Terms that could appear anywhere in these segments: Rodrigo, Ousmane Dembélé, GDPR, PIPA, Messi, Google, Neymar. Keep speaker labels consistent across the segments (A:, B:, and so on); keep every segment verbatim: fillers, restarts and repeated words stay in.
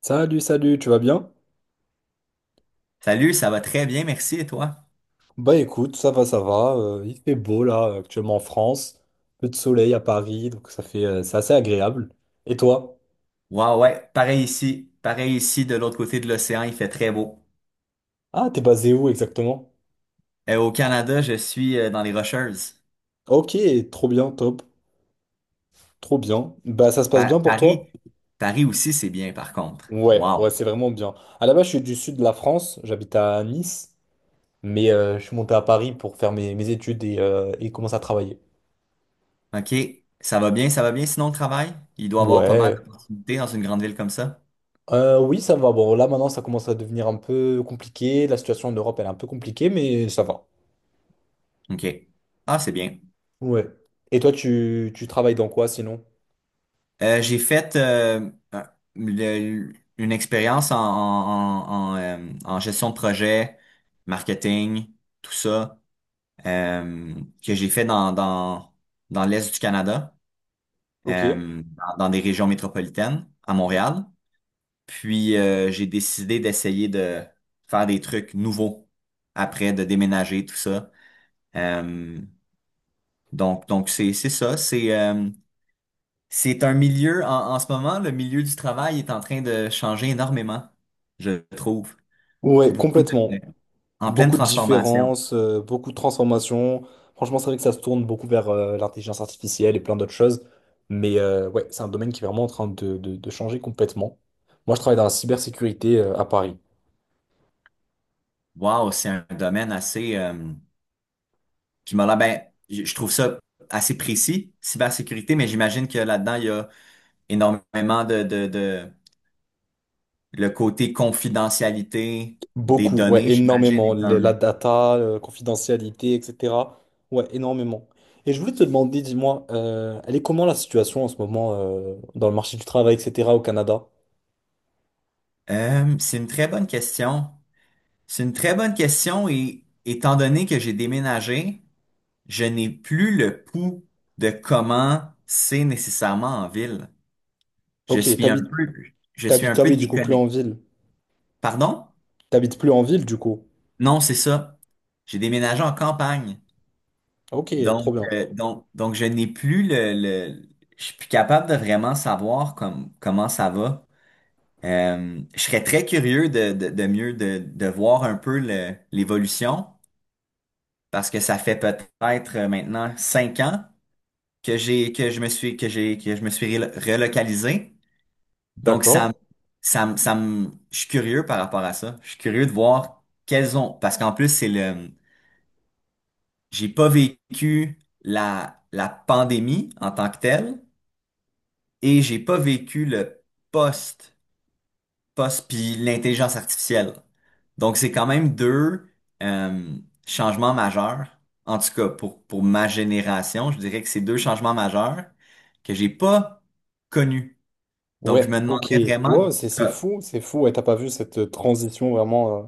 A: Salut, salut, tu vas bien?
B: Salut, ça va très bien, merci, et toi?
A: Bah écoute, ça va, ça va. Euh, il fait beau là, actuellement en France. Peu de soleil à Paris, donc ça fait, euh, c'est assez agréable. Et toi?
B: Ouais, ouais, pareil ici. Pareil ici, de l'autre côté de l'océan, il fait très beau.
A: Ah, t'es basé où exactement?
B: Euh, au Canada, je suis euh, dans les Rocheuses.
A: Ok, trop bien, top, trop bien. Bah ça se passe bien
B: Pa-
A: pour toi?
B: Paris, Paris aussi, c'est bien par contre.
A: Ouais, ouais,
B: Wow.
A: c'est vraiment bien. À la base, je suis du sud de la France, j'habite à Nice, mais euh, je suis monté à Paris pour faire mes, mes études et, euh, et commencer à travailler.
B: OK, ça va bien, ça va bien, sinon le travail? Il doit y avoir pas mal
A: Ouais.
B: d'opportunités dans une grande ville comme ça.
A: Euh, oui, ça va. Bon, là maintenant, ça commence à devenir un peu compliqué. La situation en Europe, elle est un peu compliquée, mais ça va.
B: OK. Ah, c'est bien.
A: Ouais. Et toi, tu, tu travailles dans quoi sinon?
B: Euh, j'ai fait euh, un- le- une expérience en, en, en, en, euh, en gestion de projet, marketing, tout ça. euh, que j'ai fait dans, dans, dans l'Est du Canada,
A: Ok.
B: euh, dans, dans des régions métropolitaines, à Montréal. Puis euh, j'ai décidé d'essayer de faire des trucs nouveaux après, de déménager, tout ça. Euh, donc, donc c'est, c'est ça. C'est, euh, c'est un milieu, en, en ce moment, le milieu du travail est en train de changer énormément, je trouve.
A: Ouais,
B: Beaucoup de,
A: complètement.
B: en pleine
A: Beaucoup de
B: transformation.
A: différences, euh, beaucoup de transformations. Franchement, c'est vrai que ça se tourne beaucoup vers euh, l'intelligence artificielle et plein d'autres choses. Mais euh, ouais, c'est un domaine qui est vraiment en train de, de- de changer complètement. Moi, je travaille dans la cybersécurité euh, à Paris.
B: Wow, c'est un domaine assez. euh, Puis je me demandais, ben, je je trouve ça assez précis, cybersécurité, mais j'imagine que là-dedans, il y a énormément de, de, de- le côté confidentialité des
A: Beaucoup, ouais,
B: données, j'imagine,
A: énormément.
B: est
A: Le-
B: un.
A: La data, euh, confidentialité, et cetera. Ouais, énormément. Et je voulais te demander, dis-moi, euh, elle est comment la situation en ce moment euh, dans le marché du travail, et cetera, au Canada?
B: Euh, c'est une très bonne question. C'est une très bonne question et étant donné que j'ai déménagé, je n'ai plus le pouls de comment c'est nécessairement en ville. Je
A: Ok,
B: suis un
A: t'habites,
B: peu, je suis un
A: t'habites, ah
B: peu
A: oui, du coup, plus en
B: déconnecté.
A: ville.
B: Pardon?
A: T'habites plus en ville, du coup.
B: Non, c'est ça. J'ai déménagé en campagne.
A: Ok, trop
B: Donc,
A: bien.
B: euh, donc, donc je n'ai plus le, le- je suis plus capable de vraiment savoir comme, comment ça va. Euh, je serais très curieux de, de, de mieux de, de voir un peu le- l'évolution parce que ça fait peut-être euh, maintenant cinq ans que j'ai que je me suis que j'ai que je me suis relo- relocalisé. Donc ça me-
A: D'accord.
B: ça me- ça me je suis curieux par rapport à ça. Je suis curieux de voir quelles ont parce qu'en plus c'est le j'ai pas vécu la la pandémie en tant que telle. Et j'ai pas vécu le post, post puis l'intelligence artificielle. Donc c'est quand même deux euh, changements majeurs. En tout cas, pour, pour ma génération, je dirais que c'est deux changements majeurs que j'ai pas connus. Donc je me
A: Ouais, ok.
B: demanderais
A: Wow,
B: vraiment.
A: c'est
B: Ok.
A: c'est
B: euh,
A: fou, c'est fou. Ouais, t'as pas vu cette euh, transition vraiment, euh,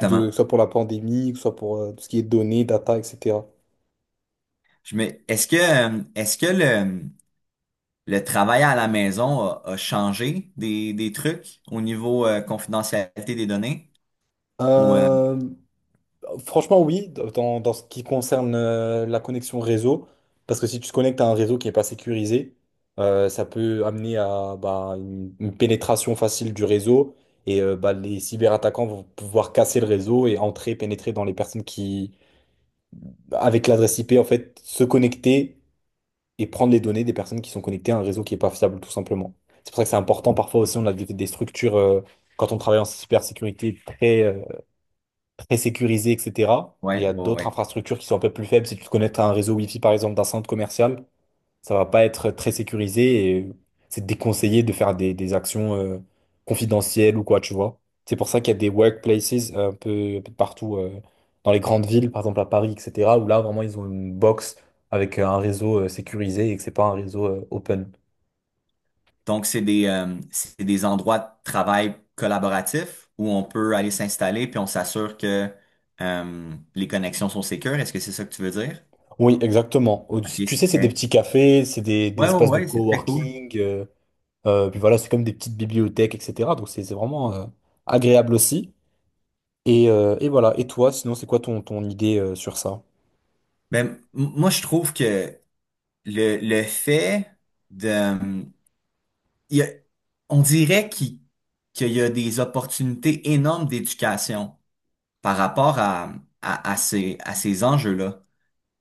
A: de, que ce soit pour la pandémie, que ce soit pour euh, tout ce qui est données, data, et cetera.
B: Je me, Est-ce que euh, est-ce que le, le travail à la maison a, a changé des, des trucs au niveau euh, confidentialité des données? Ou euh,
A: Euh, Franchement, oui, dans, dans ce qui concerne euh, la connexion réseau, parce que si tu te connectes à un réseau qui n'est pas sécurisé, euh, ça peut amener à bah, une, une pénétration facile du réseau et euh, bah, les cyberattaquants vont pouvoir casser le réseau et entrer, pénétrer dans les personnes qui, avec l'adresse I P, en fait, se connecter et prendre les données des personnes qui sont connectées à un réseau qui n'est pas fiable, tout simplement. C'est pour ça que c'est important parfois aussi, on a des, des structures, euh, quand on travaille en cybersécurité, très, euh, très sécurisé, et cetera. Et il
B: ouais,
A: y a
B: ouais,
A: d'autres
B: ouais.
A: infrastructures qui sont un peu plus faibles. Si tu te connectes à un réseau Wi-Fi, par exemple, d'un centre commercial, ça va pas être très sécurisé et c'est déconseillé de faire des, des actions euh, confidentielles ou quoi, tu vois. C'est pour ça qu'il y a des workplaces euh, un peu, un peu partout euh, dans les grandes villes, par exemple à Paris, et cetera, où là, vraiment, ils ont une box avec euh, un réseau euh, sécurisé et que c'est pas un réseau euh, open.
B: Donc, c'est des, euh, c'est des endroits de travail collaboratifs où on peut aller s'installer puis on s'assure que euh, les connexions sont sécures. Est-ce que c'est ça que tu veux dire?
A: Oui, exactement. Au-
B: OK,
A: Tu
B: c'est
A: sais, c'est des
B: très.
A: petits cafés, c'est des, des
B: Ouais, ouais,
A: espaces de
B: ouais, c'est très cool.
A: coworking. Euh, Euh, puis voilà, c'est comme des petites bibliothèques, et cetera. Donc c'est c'est vraiment euh, agréable aussi. Et, euh, et voilà. Et toi, sinon, c'est quoi ton, ton idée euh, sur ça?
B: Mais m- moi, je trouve que le, le fait de. il y a- on dirait qu'il qu'il y a des opportunités énormes d'éducation par rapport à, à, à ces, à ces enjeux-là.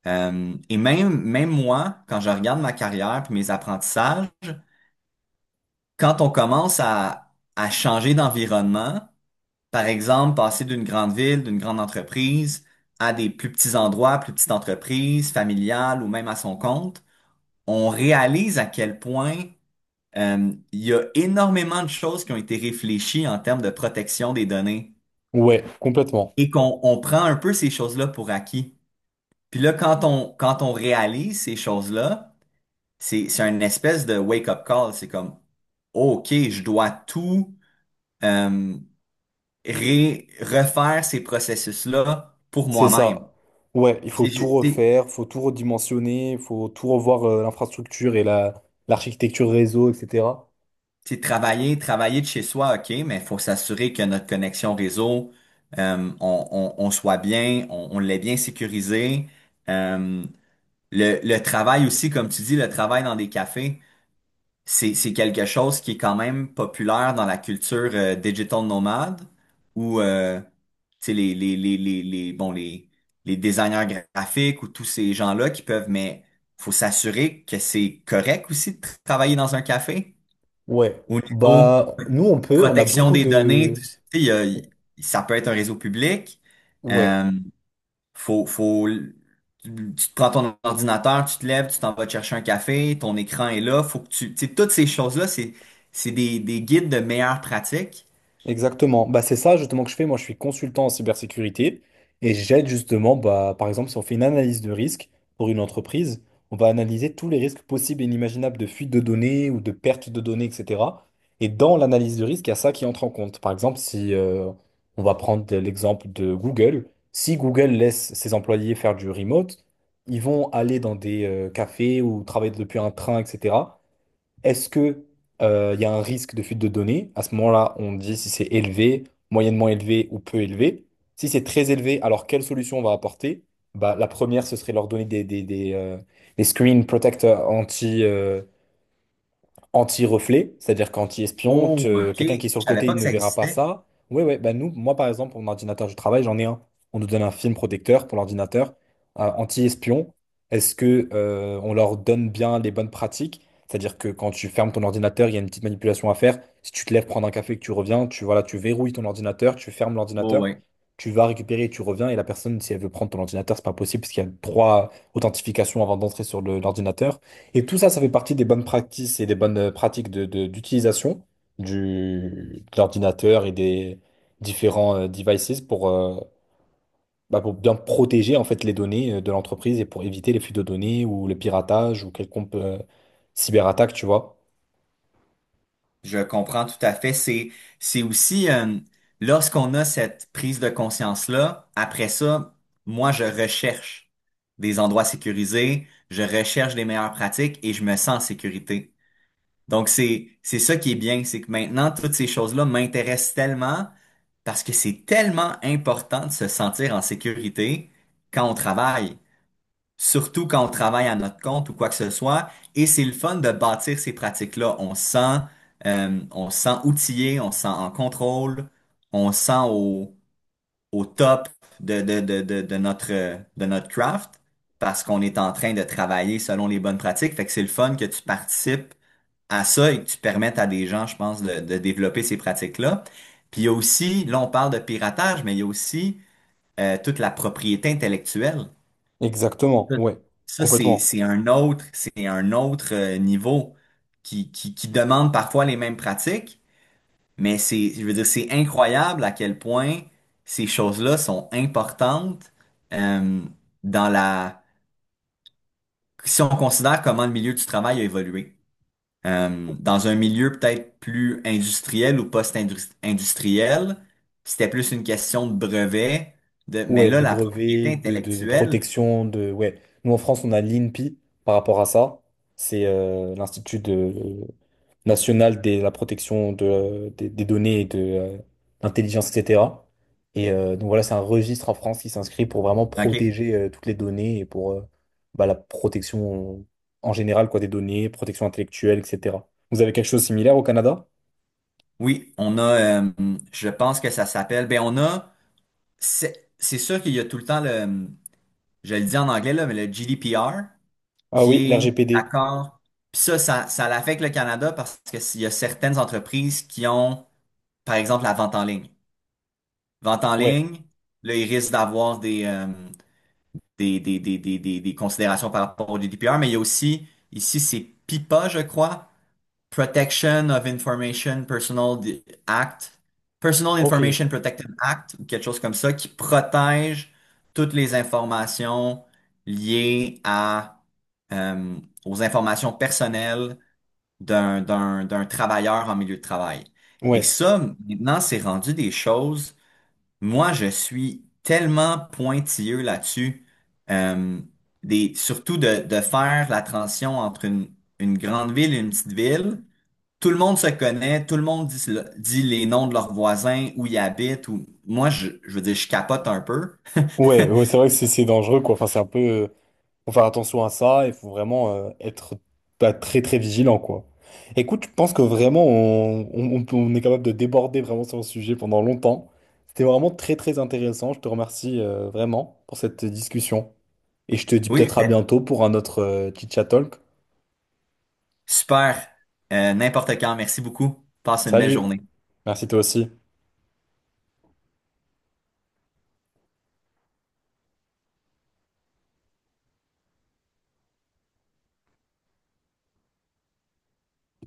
B: Euh, et même, même moi, quand je regarde ma carrière puis mes apprentissages, quand on commence à, à changer d'environnement, par exemple, passer d'une grande ville, d'une grande entreprise, à des plus petits endroits, plus petites entreprises, familiales ou même à son compte, on réalise à quel point euh, il y a énormément de choses qui ont été réfléchies en termes de protection des données
A: Ouais, complètement.
B: et qu'on on prend un peu ces choses-là pour acquis. Puis là, quand on, quand on réalise ces choses-là, c'est, c'est une espèce de wake-up call. C'est comme, OK, je dois tout. euh, ré- Refaire ces processus-là pour
A: C'est
B: moi-même.
A: ça. Ouais, il faut
B: C'est
A: tout
B: ju- c'est-
A: refaire, faut tout redimensionner, faut tout revoir euh, l'infrastructure et la, l'architecture réseau, et cetera.
B: c'est travailler, travailler de chez soi, OK, mais il faut s'assurer que notre connexion réseau, euh, on, on- on soit bien, on, on l'ait bien sécurisé. Euh, le, le travail aussi, comme tu dis, le travail dans des cafés. C'est, c'est quelque chose qui est quand même populaire dans la culture euh, digital nomade où euh, tu sais, les, les, les, les, les, bon, les, les designers graphiques ou tous ces gens-là qui peuvent, mais faut s'assurer que c'est correct aussi de tra- travailler dans un café
A: Ouais.
B: au niveau
A: Bah, nous, on peut, on a
B: protection
A: beaucoup
B: des données.
A: de...
B: Tu sais, il y a- ça peut être un réseau public.
A: Ouais,
B: Euh, faut, faut, tu tu te prends ton ordinateur, tu te lèves, tu t'en vas te chercher un café, ton écran est là, faut que tu, tu sais, toutes ces choses-là, c'est, c'est des, des guides de meilleures pratiques.
A: exactement. Bah, c'est ça justement que je fais. Moi, je suis consultant en cybersécurité et j'aide justement, bah, par exemple, si on fait une analyse de risque pour une entreprise, on va analyser tous les risques possibles et inimaginables de fuite de données ou de perte de données, et cetera. Et dans l'analyse de risque, il y a ça qui entre en compte. Par exemple, si euh, on va prendre l'exemple de Google, si Google laisse ses employés faire du remote, ils vont aller dans des euh, cafés ou travailler depuis un train, et cetera. Est-ce que euh, il y a un risque de fuite de données? À ce moment-là, on dit si c'est élevé, moyennement élevé ou peu élevé. Si c'est très élevé, alors quelle solution on va apporter? Bah, la première, ce serait leur donner des, des, des, euh, des screen protectors anti, euh, anti-reflet, c'est-à-dire qu'anti-espion,
B: Oh,
A: te-
B: OK.
A: quelqu'un
B: Je
A: qui est sur le
B: savais
A: côté,
B: pas
A: il
B: que
A: ne
B: ça
A: verra pas
B: existait.
A: ça. Ouais, ouais, bah nous, moi par exemple, pour mon ordinateur de travail, j'en ai un. On nous donne un film protecteur pour l'ordinateur, euh, anti-espion. Est-ce que euh, on leur donne bien les bonnes pratiques? C'est-à-dire que quand tu fermes ton ordinateur, il y a une petite manipulation à faire. Si tu te lèves prendre un café et que tu reviens, tu voilà, tu verrouilles ton ordinateur, tu fermes
B: Oh,
A: l'ordinateur,
B: ouais.
A: tu vas récupérer, et tu reviens et la personne, si elle veut prendre ton ordinateur, c'est pas possible parce qu'il y a trois authentifications avant d'entrer sur le- l'ordinateur. Et tout ça, ça fait partie des bonnes practices et des bonnes euh, pratiques de, de- d'utilisation du, de l'ordinateur et des différents euh, devices pour, euh, bah, pour bien protéger en fait les données euh, de l'entreprise et pour éviter les fuites de données ou le piratage ou quelconque euh, cyberattaque, tu vois.
B: Je comprends tout à fait. C'est, c'est aussi, euh, lorsqu'on a cette prise de conscience-là, après ça, moi, je recherche des endroits sécurisés, je recherche des meilleures pratiques et je me sens en sécurité. Donc, c'est, c'est ça qui est bien, c'est que maintenant, toutes ces choses-là m'intéressent tellement parce que c'est tellement important de se sentir en sécurité quand on travaille, surtout quand on travaille à notre compte ou quoi que ce soit. Et c'est le fun de bâtir ces pratiques-là. On se sent, euh, on se sent outillé, on se sent en contrôle, on se sent au, au top de, de, de, de, de notre, euh, de notre craft parce qu'on est en train de travailler selon les bonnes pratiques. Fait que c'est le fun que tu participes à ça et que tu permettes à des gens, je pense, de, de développer ces pratiques-là. Puis il y a aussi, là, on parle de piratage, mais il y a aussi euh, toute la propriété intellectuelle.
A: Exactement, ouais,
B: Ça, c'est,
A: complètement.
B: c'est un autre, c'est un autre euh, niveau qui, qui, qui demande parfois les mêmes pratiques, mais c'est, je veux dire, c'est incroyable à quel point ces choses-là sont importantes, euh, dans la, si on considère comment le milieu du travail a évolué. Euh, dans un milieu peut-être plus industriel ou post-industriel, c'était plus une question de brevet. De. Mais
A: Ouais,
B: là,
A: de
B: la
A: brevets,
B: propriété
A: de, de- de
B: intellectuelle.
A: protection, de ouais. Nous en France, on a l'I N P I par rapport à ça. C'est euh, l'Institut de, nationale de la protection de, des, des données et de euh, l'intelligence, et cetera. Et euh, donc voilà, c'est un registre en France qui s'inscrit pour vraiment
B: OK.
A: protéger euh, toutes les données et pour euh, bah, la protection en général quoi, des données, protection intellectuelle, et cetera. Vous avez quelque chose de similaire au Canada?
B: Oui, on a, euh, je pense que ça s'appelle, ben on a, c'est c'est sûr qu'il y a tout le temps le, je le dis en anglais là, mais le G D P R,
A: Ah
B: qui
A: oui,
B: est
A: l'R G P D.
B: l'accord. Puis ça, ça, ça l'affecte le Canada parce que s'il y a certaines entreprises qui ont, par exemple, la vente en ligne. Vente en
A: Ouais,
B: ligne, là, ils risquent d'avoir des, euh, des, des, des, des, des, des considérations par rapport au G D P R, mais il y a aussi, ici, c'est PIPA, je crois, Protection of Information Personal D- Act, Personal
A: ok.
B: Information Protection Act, ou quelque chose comme ça, qui protège toutes les informations liées à, euh, aux informations personnelles d'un, d'un, d'un travailleur en milieu de travail. Et
A: Ouais.
B: ça, maintenant, c'est rendu des choses. Moi, je suis tellement pointilleux là-dessus, euh, des, surtout de, de faire la transition entre une, une grande ville et une petite ville. Tout le monde se connaît, tout le monde dit, le- dit les noms de leurs voisins, où ils habitent, ou moi, je, je veux dire, je capote un peu.
A: Ouais, ouais, c'est vrai que c'est c'est dangereux, quoi. Enfin, c'est un peu. euh, Faut faire attention à ça, il faut vraiment euh, être bah, très très vigilant, quoi. Écoute, je pense que vraiment on, on- on peut- on est capable de déborder vraiment sur le sujet pendant longtemps. C'était vraiment très très intéressant. Je te remercie euh, vraiment pour cette discussion. Et je te dis
B: Oui,
A: peut-être à
B: ben,
A: bientôt pour un autre euh, chit-chat talk.
B: super. Euh, n'importe quand. Merci beaucoup. Passe une belle
A: Salut!
B: journée.
A: Merci toi aussi.